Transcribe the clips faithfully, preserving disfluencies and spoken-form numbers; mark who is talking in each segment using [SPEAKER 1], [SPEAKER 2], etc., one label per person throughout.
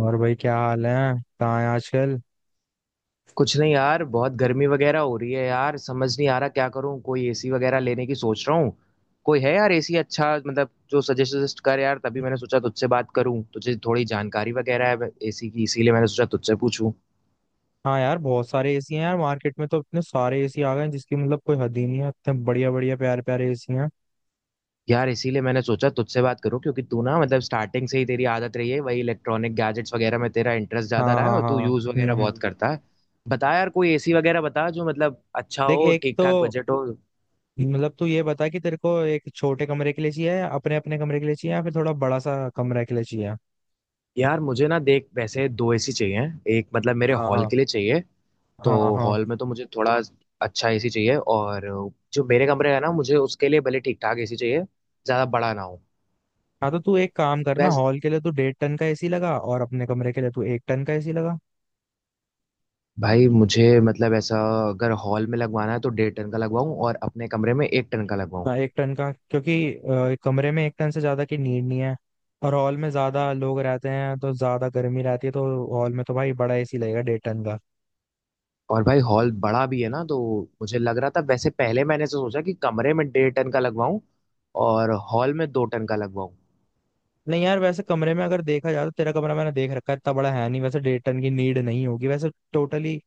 [SPEAKER 1] और भाई क्या हाल है? कहाँ है आजकल?
[SPEAKER 2] कुछ नहीं यार, बहुत गर्मी वगैरह हो रही है यार। समझ नहीं आ रहा क्या करूं। कोई एसी वगैरह लेने की सोच रहा हूँ। कोई है यार एसी अच्छा, मतलब जो सजेस्ट सजेस्ट कर यार। तभी मैंने सोचा तुझसे बात करूं, तुझे थोड़ी जानकारी वगैरह है एसी की, इसीलिए मैंने सोचा तुझसे पूछूं।
[SPEAKER 1] हाँ यार, बहुत सारे एसी हैं यार। मार्केट में तो इतने सारे एसी आ गए हैं, जिसकी मतलब कोई हद ही नहीं है। इतने बढ़िया बढ़िया प्यारे प्यारे एसी हैं।
[SPEAKER 2] यार इसीलिए मैंने सोचा तुझसे बात करूं क्योंकि तू ना मतलब स्टार्टिंग से ही तेरी आदत रही है वही, इलेक्ट्रॉनिक गैजेट्स वगैरह में तेरा इंटरेस्ट ज्यादा
[SPEAKER 1] हाँ,
[SPEAKER 2] रहा है
[SPEAKER 1] हाँ,
[SPEAKER 2] और
[SPEAKER 1] हाँ।
[SPEAKER 2] तू यूज
[SPEAKER 1] हम्म,
[SPEAKER 2] वगैरह बहुत
[SPEAKER 1] हम्म।
[SPEAKER 2] करता है। बता यार कोई एसी वगैरह बता जो मतलब अच्छा
[SPEAKER 1] देख,
[SPEAKER 2] हो,
[SPEAKER 1] एक
[SPEAKER 2] ठीक
[SPEAKER 1] तो
[SPEAKER 2] ठाक बजट हो।
[SPEAKER 1] मतलब, तू ये बता कि तेरे को एक छोटे कमरे के लिए चाहिए, या अपने अपने कमरे के लिए चाहिए, या फिर थोड़ा बड़ा सा कमरा के लिए चाहिए।
[SPEAKER 2] यार मुझे ना देख वैसे दो एसी चाहिए। एक मतलब मेरे
[SPEAKER 1] हाँ,
[SPEAKER 2] हॉल
[SPEAKER 1] हाँ,
[SPEAKER 2] के लिए चाहिए। तो
[SPEAKER 1] हाँ, हाँ,
[SPEAKER 2] हॉल में तो मुझे थोड़ा अच्छा एसी चाहिए, और जो मेरे कमरे है ना मुझे उसके लिए भले ठीक ठाक एसी चाहिए, ज्यादा बड़ा ना हो।
[SPEAKER 1] हाँ। तो तू एक काम करना,
[SPEAKER 2] वैस
[SPEAKER 1] हॉल के लिए तू डेढ़ टन का एसी लगा और अपने कमरे के लिए तू एक टन का एसी लगा।
[SPEAKER 2] भाई मुझे मतलब ऐसा, अगर हॉल में लगवाना है तो डेढ़ टन का लगवाऊं और अपने कमरे में एक टन का लगवाऊं।
[SPEAKER 1] हाँ, एक टन का, क्योंकि अ, कमरे में एक टन से ज्यादा की नीड नहीं है। और हॉल में ज्यादा लोग रहते हैं, तो ज्यादा गर्मी रहती है, तो हॉल में तो भाई बड़ा एसी लगेगा, डेढ़ टन का।
[SPEAKER 2] और भाई हॉल बड़ा भी है ना, तो मुझे लग रहा था वैसे, पहले मैंने ऐसा सोचा कि कमरे में डेढ़ टन का लगवाऊं और हॉल में दो टन का लगवाऊं।
[SPEAKER 1] नहीं यार, वैसे कमरे में अगर देखा जाए, तो तेरा कमरा मैंने देख रखा है, इतना बड़ा है नहीं वैसे, डेढ़ टन की नीड नहीं होगी वैसे टोटली।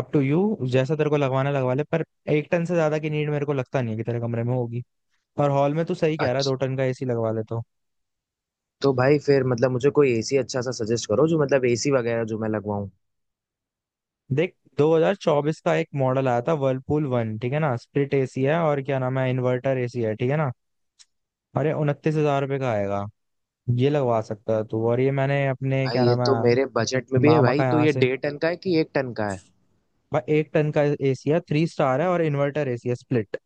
[SPEAKER 1] अप टू यू, जैसा तेरे को लगवाना लगवा ले, पर एक टन से ज्यादा की नीड मेरे को लगता नहीं है कि तेरे कमरे में होगी। और हॉल में तू सही कह रहा है, दो टन का एसी लगवा ले तो।
[SPEAKER 2] तो भाई फिर मतलब मुझे कोई एसी अच्छा सा सजेस्ट करो, जो मतलब एसी वगैरह जो मैं लगवाऊं।
[SPEAKER 1] देख, दो हज़ार चौबीस का एक मॉडल आया था वर्लपूल वन, ठीक है ना। स्प्लिट एसी है और क्या नाम है, इन्वर्टर एसी है, ठीक है ना। अरे, उनतीस हजार रुपये का आएगा। ये लगवा सकता है तू। और ये मैंने अपने
[SPEAKER 2] भाई
[SPEAKER 1] क्या
[SPEAKER 2] ये
[SPEAKER 1] नाम
[SPEAKER 2] तो मेरे
[SPEAKER 1] है,
[SPEAKER 2] बजट में भी है
[SPEAKER 1] मामा
[SPEAKER 2] भाई।
[SPEAKER 1] का
[SPEAKER 2] तो
[SPEAKER 1] यहाँ
[SPEAKER 2] ये
[SPEAKER 1] से।
[SPEAKER 2] डेढ़ टन का है कि एक टन का है?
[SPEAKER 1] भाई, एक टन का एसी है, थ्री स्टार है और इन्वर्टर एसी है, स्प्लिट।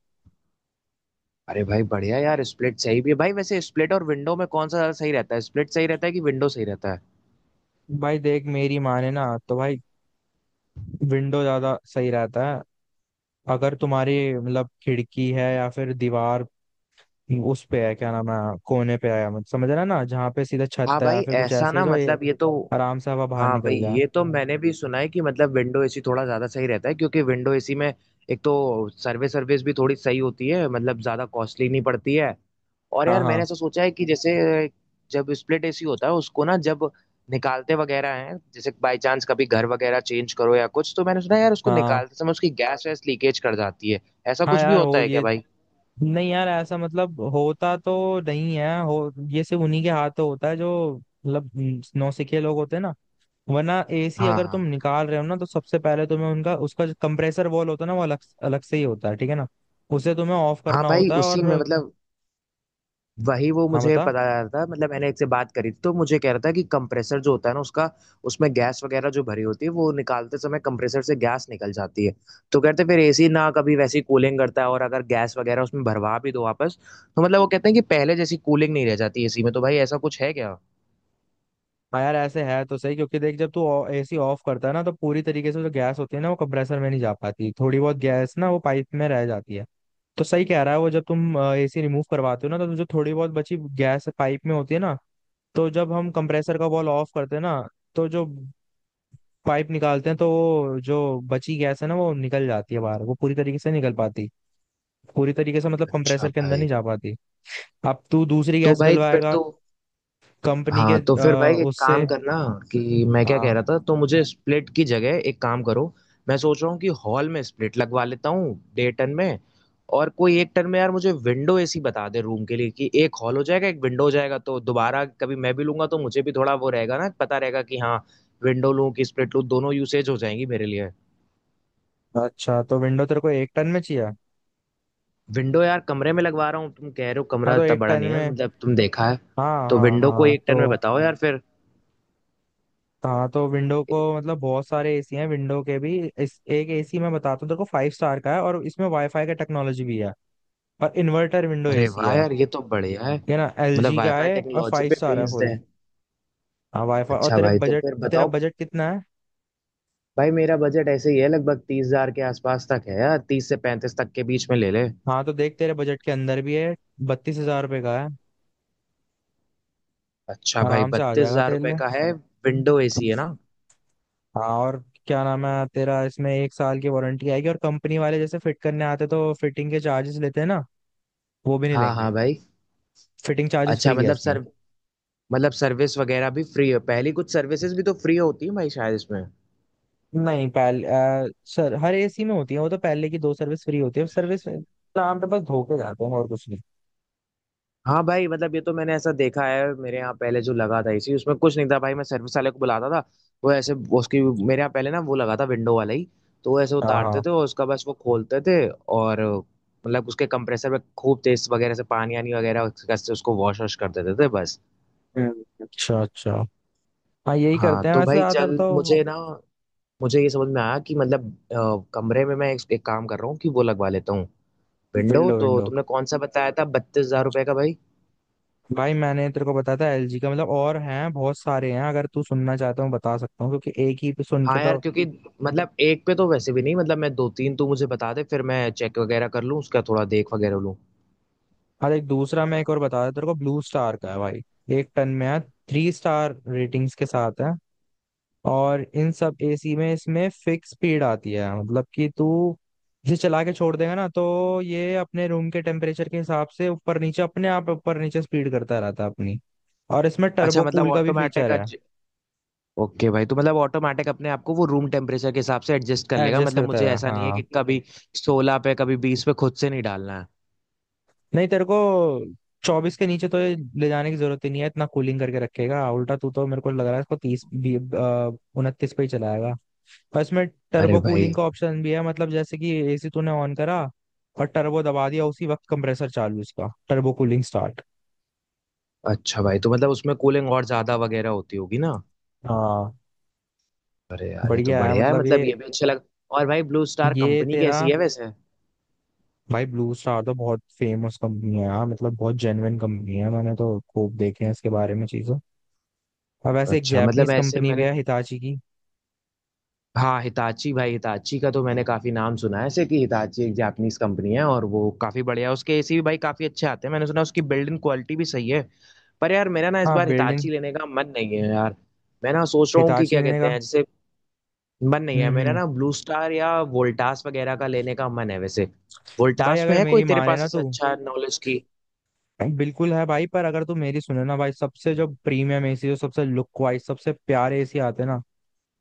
[SPEAKER 2] अरे भाई बढ़िया यार, स्प्लिट सही भी है भाई। वैसे स्प्लिट और विंडो में कौन सा ज्यादा सही रहता है? स्प्लिट सही रहता है कि विंडो सही रहता है?
[SPEAKER 1] भाई देख, मेरी माने ना, तो भाई विंडो ज्यादा सही रहता है। अगर तुम्हारी मतलब खिड़की है या फिर दीवार, उस पे है, क्या नाम है, कोने पे है, मतलब समझ रहा है ना, जहाँ पे सीधा छत
[SPEAKER 2] हाँ
[SPEAKER 1] है, या
[SPEAKER 2] भाई
[SPEAKER 1] फिर कुछ
[SPEAKER 2] ऐसा
[SPEAKER 1] ऐसे है
[SPEAKER 2] ना
[SPEAKER 1] जो ये
[SPEAKER 2] मतलब ये तो,
[SPEAKER 1] आराम से हवा बाहर
[SPEAKER 2] हाँ भाई
[SPEAKER 1] निकल जाए।
[SPEAKER 2] ये तो मैंने भी सुना है कि मतलब विंडो एसी थोड़ा ज्यादा सही रहता है, क्योंकि विंडो एसी में एक तो सर्विस सर्विस भी थोड़ी सही होती है, मतलब ज्यादा कॉस्टली नहीं पड़ती है। और
[SPEAKER 1] हाँ,
[SPEAKER 2] यार मैंने
[SPEAKER 1] हाँ,
[SPEAKER 2] ऐसा सोचा है कि जैसे जब स्प्लिट एसी होता है उसको ना, जब निकालते वगैरह हैं, जैसे बाय चांस कभी घर वगैरह चेंज करो या कुछ, तो मैंने सुना यार उसको
[SPEAKER 1] हाँ।
[SPEAKER 2] निकालते समय उसकी गैस वैस लीकेज कर जाती है। ऐसा
[SPEAKER 1] हाँ
[SPEAKER 2] कुछ भी
[SPEAKER 1] यार,
[SPEAKER 2] होता
[SPEAKER 1] हो
[SPEAKER 2] है क्या
[SPEAKER 1] ये,
[SPEAKER 2] भाई?
[SPEAKER 1] नहीं यार, ऐसा मतलब होता तो नहीं है। हो ये सिर्फ उन्हीं के हाथ तो होता है, जो मतलब, हम्म, नौसिखिए लोग होते हैं ना। वरना एसी
[SPEAKER 2] हाँ
[SPEAKER 1] अगर
[SPEAKER 2] हाँ।
[SPEAKER 1] तुम निकाल रहे हो ना, तो सबसे पहले तुम्हें उनका उसका जो कंप्रेसर वॉल होता है ना, वो अलग अलग से ही होता है, ठीक है ना। उसे तुम्हें ऑफ
[SPEAKER 2] हाँ
[SPEAKER 1] करना
[SPEAKER 2] भाई
[SPEAKER 1] होता है,
[SPEAKER 2] उसी में
[SPEAKER 1] और
[SPEAKER 2] मतलब वही वो
[SPEAKER 1] हाँ,
[SPEAKER 2] मुझे
[SPEAKER 1] बता।
[SPEAKER 2] पता चला था, मतलब मैंने एक से बात करी थी तो मुझे कह रहा था कि कंप्रेसर जो होता है ना उसका, उसमें गैस वगैरह जो भरी होती है वो निकालते समय कंप्रेसर से गैस निकल जाती है। तो कहते फिर एसी ना कभी वैसी कूलिंग करता है, और अगर गैस वगैरह उसमें भरवा भी दो वापस, तो मतलब वो कहते हैं कि पहले जैसी कूलिंग नहीं रह जाती एसी में। तो भाई ऐसा कुछ है क्या?
[SPEAKER 1] हाँ यार, ऐसे है तो सही, क्योंकि देख, जब तू एसी ऑफ करता है ना, तो पूरी तरीके से जो गैस होती है ना, वो कंप्रेसर में नहीं जा पाती, थोड़ी बहुत गैस ना वो पाइप में रह जाती है। तो सही कह रहा है वो, जब तुम एसी रिमूव करवाते हो ना, तो जो थोड़ी बहुत बची गैस पाइप में होती है ना, तो जब हम कंप्रेसर का बॉल ऑफ करते हैं ना, तो जो पाइप निकालते हैं, तो वो जो बची गैस है ना, वो निकल जाती है बाहर, वो पूरी तरीके से निकल पाती, पूरी तरीके से मतलब
[SPEAKER 2] अच्छा
[SPEAKER 1] कंप्रेसर के अंदर
[SPEAKER 2] भाई,
[SPEAKER 1] नहीं जा पाती। अब तू दूसरी
[SPEAKER 2] तो
[SPEAKER 1] गैस
[SPEAKER 2] भाई फिर
[SPEAKER 1] डलवाएगा
[SPEAKER 2] तो
[SPEAKER 1] कंपनी के
[SPEAKER 2] हाँ, तो फिर
[SPEAKER 1] अ,
[SPEAKER 2] भाई एक
[SPEAKER 1] उससे।
[SPEAKER 2] काम करना कि मैं क्या कह
[SPEAKER 1] हाँ,
[SPEAKER 2] रहा था, तो मुझे स्प्लिट की जगह एक काम करो। मैं सोच रहा हूँ कि हॉल में स्प्लिट लगवा लेता हूँ डे टन में, और कोई एक टन में यार मुझे विंडो एसी बता दे रूम के लिए, कि एक हॉल हो जाएगा, एक विंडो हो जाएगा, तो दोबारा कभी मैं भी लूंगा तो मुझे भी थोड़ा वो रहेगा ना, पता रहेगा कि हाँ, विंडो लूँ कि स्प्लिट लूँ, दोनों यूसेज हो जाएंगी मेरे लिए।
[SPEAKER 1] अच्छा, तो विंडो तेरे को एक टन में चाहिए।
[SPEAKER 2] विंडो यार कमरे में लगवा रहा हूँ, तुम कह रहे हो
[SPEAKER 1] हाँ,
[SPEAKER 2] कमरा
[SPEAKER 1] तो
[SPEAKER 2] इतना
[SPEAKER 1] एक
[SPEAKER 2] बड़ा
[SPEAKER 1] टन
[SPEAKER 2] नहीं है,
[SPEAKER 1] में।
[SPEAKER 2] मतलब तुम देखा है।
[SPEAKER 1] हाँ,
[SPEAKER 2] तो
[SPEAKER 1] हाँ,
[SPEAKER 2] विंडो को
[SPEAKER 1] हाँ,
[SPEAKER 2] एक टन में
[SPEAKER 1] तो,
[SPEAKER 2] बताओ यार फिर।
[SPEAKER 1] हाँ, तो विंडो को मतलब बहुत सारे एसी हैं विंडो के भी। इस एक एसी मैं बताता हूँ तेरे को, फाइव स्टार का है और इसमें वाईफाई का टेक्नोलॉजी भी है, और इन्वर्टर विंडो
[SPEAKER 2] अरे
[SPEAKER 1] एसी
[SPEAKER 2] वाह
[SPEAKER 1] है।
[SPEAKER 2] यार, ये तो बढ़िया है।
[SPEAKER 1] ये ना
[SPEAKER 2] मतलब
[SPEAKER 1] एलजी का
[SPEAKER 2] वाईफाई
[SPEAKER 1] है, और
[SPEAKER 2] टेक्नोलॉजी
[SPEAKER 1] फाइव
[SPEAKER 2] पे
[SPEAKER 1] स्टार है
[SPEAKER 2] बेस्ड
[SPEAKER 1] फुल।
[SPEAKER 2] है?
[SPEAKER 1] हाँ, वाईफाई। और
[SPEAKER 2] अच्छा
[SPEAKER 1] तेरे
[SPEAKER 2] भाई तो
[SPEAKER 1] बजट,
[SPEAKER 2] फिर
[SPEAKER 1] तेरा
[SPEAKER 2] बताओ।
[SPEAKER 1] बजट कितना है?
[SPEAKER 2] भाई मेरा बजट ऐसे ही है, लगभग तीस हजार के आसपास तक है यार, तीस से पैंतीस तक के बीच में ले ले।
[SPEAKER 1] हाँ, तो देख, तेरे बजट के अंदर भी है, बत्तीस हजार रुपये का है।
[SPEAKER 2] अच्छा भाई
[SPEAKER 1] आराम से आ
[SPEAKER 2] बत्तीस
[SPEAKER 1] जाएगा
[SPEAKER 2] हजार
[SPEAKER 1] तेरे
[SPEAKER 2] रुपये
[SPEAKER 1] लिए।
[SPEAKER 2] का है? विंडो एसी है ना?
[SPEAKER 1] हाँ, और क्या नाम है तेरा, इसमें एक साल की वारंटी आएगी, और कंपनी वाले जैसे फिट करने आते तो फिटिंग के चार्जेस लेते हैं ना, वो भी नहीं
[SPEAKER 2] हाँ हाँ
[SPEAKER 1] लेंगे।
[SPEAKER 2] भाई।
[SPEAKER 1] फिटिंग चार्जेस
[SPEAKER 2] अच्छा
[SPEAKER 1] फ्री है
[SPEAKER 2] मतलब
[SPEAKER 1] इसमें।
[SPEAKER 2] सर मतलब सर्विस वगैरह भी फ्री है? पहली कुछ सर्विसेज भी तो फ्री होती है भाई शायद इसमें।
[SPEAKER 1] नहीं, पहले अ, सर, हर एसी में होती है, वो तो पहले की दो सर्विस फ्री होती है। सर्विस नाम पे बस धोखे जाते हैं और कुछ नहीं।
[SPEAKER 2] हाँ भाई मतलब ये तो मैंने ऐसा देखा है, मेरे यहाँ पहले जो लगा था इसी, उसमें कुछ नहीं था भाई, मैं सर्विस वाले को बुलाता था, वो ऐसे, वो उसकी मेरे यहाँ पहले ना वो लगा था विंडो वाला ही। तो वो ऐसे
[SPEAKER 1] हाँ, हाँ,
[SPEAKER 2] उतारते थे और उसका बस वो खोलते थे, और मतलब उसके कंप्रेसर में खूब तेज वगैरह से पानी आनी वगैरह से उसको वॉश वॉश कर देते थे बस।
[SPEAKER 1] हम्म, अच्छा, अच्छा। हाँ, यही
[SPEAKER 2] हाँ
[SPEAKER 1] करते हैं
[SPEAKER 2] तो
[SPEAKER 1] वैसे
[SPEAKER 2] भाई चल,
[SPEAKER 1] ज्यादातर तो।
[SPEAKER 2] मुझे ना मुझे ये समझ में आया कि मतलब अ, कमरे में मैं एक, एक काम कर रहा हूँ कि वो लगवा लेता हूँ। विंडो
[SPEAKER 1] विंडो,
[SPEAKER 2] तो
[SPEAKER 1] विंडो,
[SPEAKER 2] तुमने कौन सा बताया था, बत्तीस हजार रुपये का भाई?
[SPEAKER 1] भाई मैंने तेरे को बताया था एलजी का, मतलब और हैं बहुत सारे हैं। अगर तू सुनना चाहता हूँ, बता सकता हूँ, क्योंकि एक ही पे सुन के
[SPEAKER 2] हाँ यार
[SPEAKER 1] तो।
[SPEAKER 2] क्योंकि मतलब एक पे तो वैसे भी नहीं, मतलब मैं दो तीन तो मुझे बता दे, फिर मैं चेक वगैरह कर लूँ उसका, थोड़ा देख वगैरह लूँ।
[SPEAKER 1] हाँ, एक दूसरा मैं एक और बता देता तेरे को, ब्लू स्टार का है भाई, एक टन में है, थ्री स्टार रेटिंग्स के साथ है। और इन सब एसी में, इसमें फिक्स स्पीड आती है, मतलब कि तू इसे चला के छोड़ देगा ना, तो ये अपने रूम के टेम्परेचर के हिसाब से ऊपर नीचे अपने आप ऊपर नीचे स्पीड करता रहता है अपनी। और इसमें
[SPEAKER 2] अच्छा
[SPEAKER 1] टर्बो
[SPEAKER 2] मतलब
[SPEAKER 1] कूल का भी
[SPEAKER 2] ऑटोमेटिक,
[SPEAKER 1] फीचर है।
[SPEAKER 2] ओके भाई तो मतलब ऑटोमेटिक अपने आप को वो रूम टेम्परेचर के हिसाब से एडजस्ट कर लेगा,
[SPEAKER 1] एडजस्ट
[SPEAKER 2] मतलब
[SPEAKER 1] करता
[SPEAKER 2] मुझे
[SPEAKER 1] रहा,
[SPEAKER 2] ऐसा नहीं है
[SPEAKER 1] हाँ।
[SPEAKER 2] कि कभी सोलह पे कभी बीस पे खुद से नहीं डालना है।
[SPEAKER 1] नहीं, तेरे को चौबीस के नीचे तो ये ले जाने की जरूरत ही नहीं है, इतना कूलिंग करके रखेगा। उल्टा तू तो मेरे को लग रहा है इसको तीस भी, उनतीस पे ही चलाएगा। और इसमें
[SPEAKER 2] अरे
[SPEAKER 1] टर्बो
[SPEAKER 2] भाई,
[SPEAKER 1] कूलिंग का ऑप्शन भी है, मतलब जैसे कि एसी तूने ऑन करा और टर्बो दबा दिया, उसी वक्त कंप्रेसर चालू, इसका टर्बो कूलिंग स्टार्ट।
[SPEAKER 2] अच्छा भाई तो मतलब उसमें कूलिंग और ज्यादा वगैरह होती होगी ना?
[SPEAKER 1] हाँ,
[SPEAKER 2] अरे यार ये तो
[SPEAKER 1] बढ़िया है,
[SPEAKER 2] बढ़िया है,
[SPEAKER 1] मतलब ये
[SPEAKER 2] मतलब ये भी अच्छा लग। और भाई ब्लू स्टार
[SPEAKER 1] ये
[SPEAKER 2] कंपनी
[SPEAKER 1] तेरा,
[SPEAKER 2] कैसी है वैसे?
[SPEAKER 1] भाई ब्लू स्टार तो बहुत फेमस कंपनी है यार। मतलब बहुत जेन्युइन कंपनी है, मैंने तो खूब देखे हैं इसके बारे में चीजें। अब वैसे एक
[SPEAKER 2] अच्छा मतलब
[SPEAKER 1] जापानीज
[SPEAKER 2] ऐसे
[SPEAKER 1] कंपनी भी
[SPEAKER 2] मैंने,
[SPEAKER 1] है, हिताची की।
[SPEAKER 2] हाँ, हिताची भाई, हिताची का तो मैंने काफी नाम सुना है ऐसे, कि हिताची एक जापानीज कंपनी है और वो काफी बढ़िया है, उसके एसी भी भाई काफी अच्छे आते हैं मैंने सुना, उसकी बिल्ड इन क्वालिटी भी सही है। पर यार मेरा ना इस
[SPEAKER 1] हाँ,
[SPEAKER 2] बार
[SPEAKER 1] बिल्ड इन,
[SPEAKER 2] हिताची लेने का मन नहीं है यार। मैं ना सोच रहा हूँ कि
[SPEAKER 1] हिताची
[SPEAKER 2] क्या
[SPEAKER 1] ने
[SPEAKER 2] कहते
[SPEAKER 1] कहा।
[SPEAKER 2] हैं, जैसे मन नहीं है
[SPEAKER 1] हम्म,
[SPEAKER 2] मेरा
[SPEAKER 1] हम्म।
[SPEAKER 2] ना, ब्लू स्टार या वोल्टास वगैरह का लेने का मन है वैसे।
[SPEAKER 1] भाई
[SPEAKER 2] वोल्टास में
[SPEAKER 1] अगर
[SPEAKER 2] है कोई
[SPEAKER 1] मेरी
[SPEAKER 2] तेरे
[SPEAKER 1] माने
[SPEAKER 2] पास
[SPEAKER 1] ना,
[SPEAKER 2] ऐसा
[SPEAKER 1] तू
[SPEAKER 2] अच्छा नॉलेज की?
[SPEAKER 1] बिल्कुल है भाई, पर अगर तू मेरी सुने ना भाई, सबसे जो प्रीमियम एसी, जो सबसे लुक वाइज सबसे प्यारे एसी आते हैं ना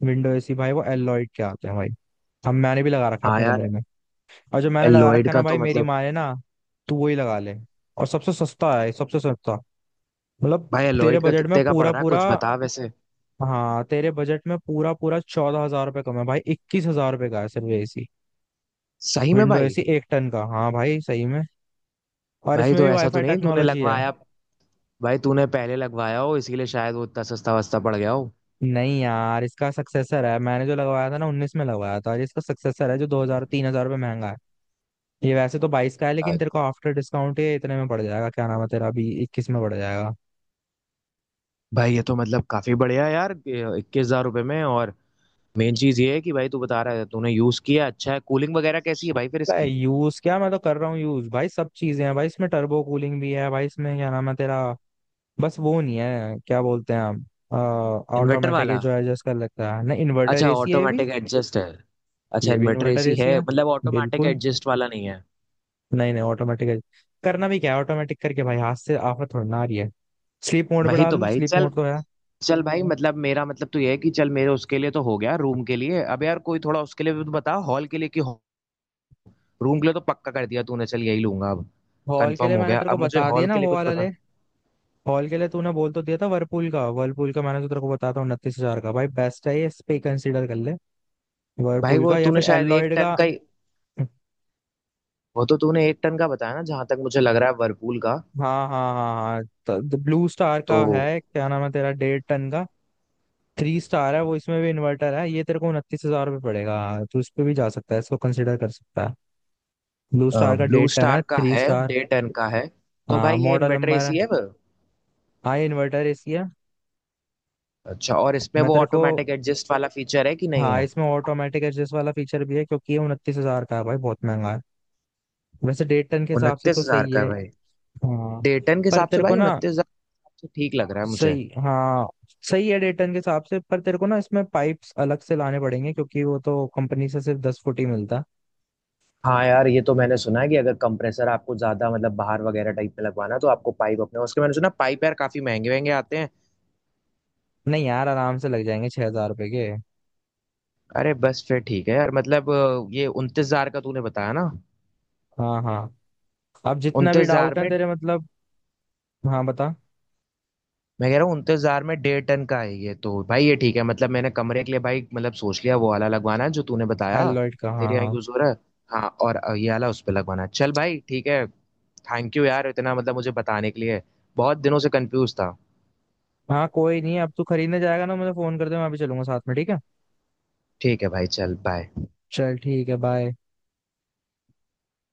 [SPEAKER 1] विंडो एसी, भाई वो एलॉयड के आते हैं भाई। हम, मैंने भी लगा रखा है
[SPEAKER 2] हाँ
[SPEAKER 1] अपने कमरे
[SPEAKER 2] यार
[SPEAKER 1] में। और जो मैंने लगा
[SPEAKER 2] एलॉयड
[SPEAKER 1] रखा है ना
[SPEAKER 2] का
[SPEAKER 1] भाई,
[SPEAKER 2] तो
[SPEAKER 1] मेरी
[SPEAKER 2] मतलब,
[SPEAKER 1] माने ना, तू वही लगा ले। और सबसे सस्ता है, सबसे सस्ता, मतलब
[SPEAKER 2] भाई
[SPEAKER 1] तेरे
[SPEAKER 2] एलॉयड का
[SPEAKER 1] बजट में
[SPEAKER 2] कितने का पड़
[SPEAKER 1] पूरा
[SPEAKER 2] रहा है
[SPEAKER 1] पूरा।
[SPEAKER 2] कुछ बता वैसे।
[SPEAKER 1] हाँ, तेरे बजट में पूरा पूरा, चौदह हजार रुपये कम है भाई, इक्कीस हजार रुपये का है सिर्फ एसी।
[SPEAKER 2] सही में
[SPEAKER 1] विंडो
[SPEAKER 2] भाई?
[SPEAKER 1] एसी एक टन का, हाँ भाई सही में। और
[SPEAKER 2] भाई
[SPEAKER 1] इसमें
[SPEAKER 2] तो
[SPEAKER 1] भी
[SPEAKER 2] ऐसा तो
[SPEAKER 1] वाईफाई
[SPEAKER 2] नहीं तूने
[SPEAKER 1] टेक्नोलॉजी है।
[SPEAKER 2] लगवाया, भाई तूने पहले लगवाया हो इसीलिए शायद वो इतना सस्ता वस्ता पड़ गया हो।
[SPEAKER 1] नहीं यार, इसका सक्सेसर है, मैंने जो लगवाया था ना, उन्नीस में लगवाया था, और इसका सक्सेसर है जो दो हजार तीन हजार रुपये महंगा है। ये वैसे तो बाईस का है,
[SPEAKER 2] आ,
[SPEAKER 1] लेकिन तेरे को आफ्टर डिस्काउंट ये इतने में पड़ जाएगा, क्या नाम है तेरा, अभी इक्कीस में पड़ जाएगा।
[SPEAKER 2] भाई ये तो मतलब काफी बढ़िया है यार, इक्कीस हजार रुपये में। और मेन चीज ये है कि भाई तू बता रहा है, तूने यूज किया, अच्छा है कूलिंग वगैरह कैसी है भाई फिर इसकी?
[SPEAKER 1] यूज क्या, मैं तो कर रहा हूँ यूज भाई, सब चीजें हैं भाई इसमें, टर्बो कूलिंग भी है भाई, इसमें क्या नाम है तेरा, बस वो नहीं है, क्या बोलते हैं हम,
[SPEAKER 2] इन्वर्टर
[SPEAKER 1] ऑटोमेटिक
[SPEAKER 2] वाला?
[SPEAKER 1] जो एडजस्ट कर लगता है ना, इन्वर्टर
[SPEAKER 2] अच्छा
[SPEAKER 1] एसी है ये भी।
[SPEAKER 2] ऑटोमेटिक एडजस्ट है। अच्छा
[SPEAKER 1] ये भी
[SPEAKER 2] इन्वर्टर
[SPEAKER 1] इन्वर्टर
[SPEAKER 2] एसी
[SPEAKER 1] एसी
[SPEAKER 2] है
[SPEAKER 1] है,
[SPEAKER 2] मतलब, ऑटोमेटिक
[SPEAKER 1] बिल्कुल।
[SPEAKER 2] एडजस्ट वाला नहीं है?
[SPEAKER 1] नहीं नहीं, ऑटोमेटिक, करना भी क्या है ऑटोमेटिक करके भाई, हाथ से आफत थोड़ी ना आ रही है। स्लीप मोड पे
[SPEAKER 2] वही
[SPEAKER 1] डाल
[SPEAKER 2] तो
[SPEAKER 1] दो,
[SPEAKER 2] भाई,
[SPEAKER 1] स्लीप
[SPEAKER 2] चल,
[SPEAKER 1] मोड तो है।
[SPEAKER 2] चल भाई मतलब मेरा मतलब तो ये है कि चल मेरे उसके लिए तो हो गया रूम के लिए। अब यार कोई थोड़ा उसके लिए भी तो बता हॉल के लिए, कि रूम के लिए तो पक्का कर दिया तूने, चल यही लूंगा अब।
[SPEAKER 1] हॉल के
[SPEAKER 2] कंफर्म
[SPEAKER 1] लिए
[SPEAKER 2] हो
[SPEAKER 1] मैंने
[SPEAKER 2] गया,
[SPEAKER 1] तेरे को
[SPEAKER 2] अब मुझे
[SPEAKER 1] बता दिया
[SPEAKER 2] हॉल
[SPEAKER 1] ना,
[SPEAKER 2] के लिए
[SPEAKER 1] वो
[SPEAKER 2] कुछ
[SPEAKER 1] वाला ले।
[SPEAKER 2] बता।
[SPEAKER 1] हॉल के लिए तूने बोल तो दिया था वर्लपूल का, वर्लपूल का मैंने तो तेरे को बताया था, उनतीस हजार का भाई, बेस्ट है ये, इस पे कंसीडर कर ले।
[SPEAKER 2] भाई
[SPEAKER 1] वर्लपूल
[SPEAKER 2] वो
[SPEAKER 1] का या फिर
[SPEAKER 2] तूने शायद एक
[SPEAKER 1] एलॉयड
[SPEAKER 2] टन
[SPEAKER 1] का।
[SPEAKER 2] का ही, वो तो तूने एक टन का बताया ना जहां तक मुझे लग रहा है वर्लपूल का।
[SPEAKER 1] हाँ, हाँ, हाँ, हाँ। ब्लू स्टार
[SPEAKER 2] तो
[SPEAKER 1] का है, क्या नाम है तेरा, डेढ़ टन का, थ्री स्टार है वो, इसमें भी इन्वर्टर है, ये तेरे को उनतीस हजार रुपये पड़ेगा। तो इस पे भी जा सकता है, इसको कंसिडर कर सकता है। ब्लू स्टार का,
[SPEAKER 2] ब्लू
[SPEAKER 1] डेढ़ टन
[SPEAKER 2] स्टार
[SPEAKER 1] है,
[SPEAKER 2] का
[SPEAKER 1] थ्री
[SPEAKER 2] है
[SPEAKER 1] स्टार।
[SPEAKER 2] डेढ़ टन का है? तो
[SPEAKER 1] हाँ,
[SPEAKER 2] भाई ये
[SPEAKER 1] मॉडल
[SPEAKER 2] इन्वर्टर
[SPEAKER 1] नंबर है।
[SPEAKER 2] एसी है वो?
[SPEAKER 1] हाँ, इन्वर्टर इसकी है।
[SPEAKER 2] अच्छा और इसमें
[SPEAKER 1] मैं
[SPEAKER 2] वो
[SPEAKER 1] तेरे को,
[SPEAKER 2] ऑटोमेटिक एडजस्ट वाला फीचर है कि नहीं
[SPEAKER 1] हाँ,
[SPEAKER 2] है?
[SPEAKER 1] इसमें ऑटोमेटिक एडजस्ट वाला फीचर भी है, क्योंकि ये उनतीस हजार का है भाई, बहुत महंगा है। वैसे डेढ़ टन के हिसाब से
[SPEAKER 2] उनतीस
[SPEAKER 1] तो
[SPEAKER 2] हजार
[SPEAKER 1] सही
[SPEAKER 2] का है
[SPEAKER 1] है।
[SPEAKER 2] भाई?
[SPEAKER 1] हाँ,
[SPEAKER 2] डेढ़ टन के
[SPEAKER 1] पर
[SPEAKER 2] हिसाब से
[SPEAKER 1] तेरे को
[SPEAKER 2] भाई
[SPEAKER 1] ना,
[SPEAKER 2] उनतीस हजार तो ठीक लग रहा है मुझे।
[SPEAKER 1] सही, हाँ, सही है डेढ़ टन के हिसाब से। पर तेरे को ना इसमें पाइप्स अलग से लाने पड़ेंगे, क्योंकि वो तो कंपनी से सिर्फ दस फुट ही मिलता।
[SPEAKER 2] हाँ यार ये तो मैंने सुना है कि अगर कंप्रेसर आपको ज्यादा मतलब बाहर वगैरह टाइप में लगवाना है, तो आपको पाइप अपने उसके, मैंने सुना पाइप यार काफी महंगे महंगे आते हैं।
[SPEAKER 1] नहीं यार, आराम से लग जाएंगे छह हजार रुपए के।
[SPEAKER 2] अरे बस फिर ठीक है यार, मतलब अ, ये उनतीस हजार का तूने बताया ना,
[SPEAKER 1] हाँ, हाँ। अब जितना
[SPEAKER 2] उनतीस
[SPEAKER 1] भी
[SPEAKER 2] हजार
[SPEAKER 1] डाउट है
[SPEAKER 2] में?
[SPEAKER 1] तेरे मतलब, हाँ, बता।
[SPEAKER 2] मैं कह रहा हूँ उनतीस हजार में डेढ़ टन का है ये, तो भाई ये ठीक है। मतलब मैंने कमरे के लिए भाई मतलब सोच लिया वो वाला लगवाना है जो तूने बताया,
[SPEAKER 1] एलॉयड का। हाँ,
[SPEAKER 2] तेरे यहाँ
[SPEAKER 1] हाँ।
[SPEAKER 2] यूज हो रहा है। हाँ, और अ, ये वाला उस पर लगवाना है। चल भाई ठीक है। थैंक यू यार, इतना मतलब मुझे बताने के लिए, बहुत दिनों से कंफ्यूज था।
[SPEAKER 1] हाँ कोई नहीं, अब तू खरीदने जाएगा ना, मुझे फोन कर दे, मैं अभी चलूंगा साथ में, ठीक है।
[SPEAKER 2] ठीक है भाई चल बाय।
[SPEAKER 1] चल, ठीक है, बाय।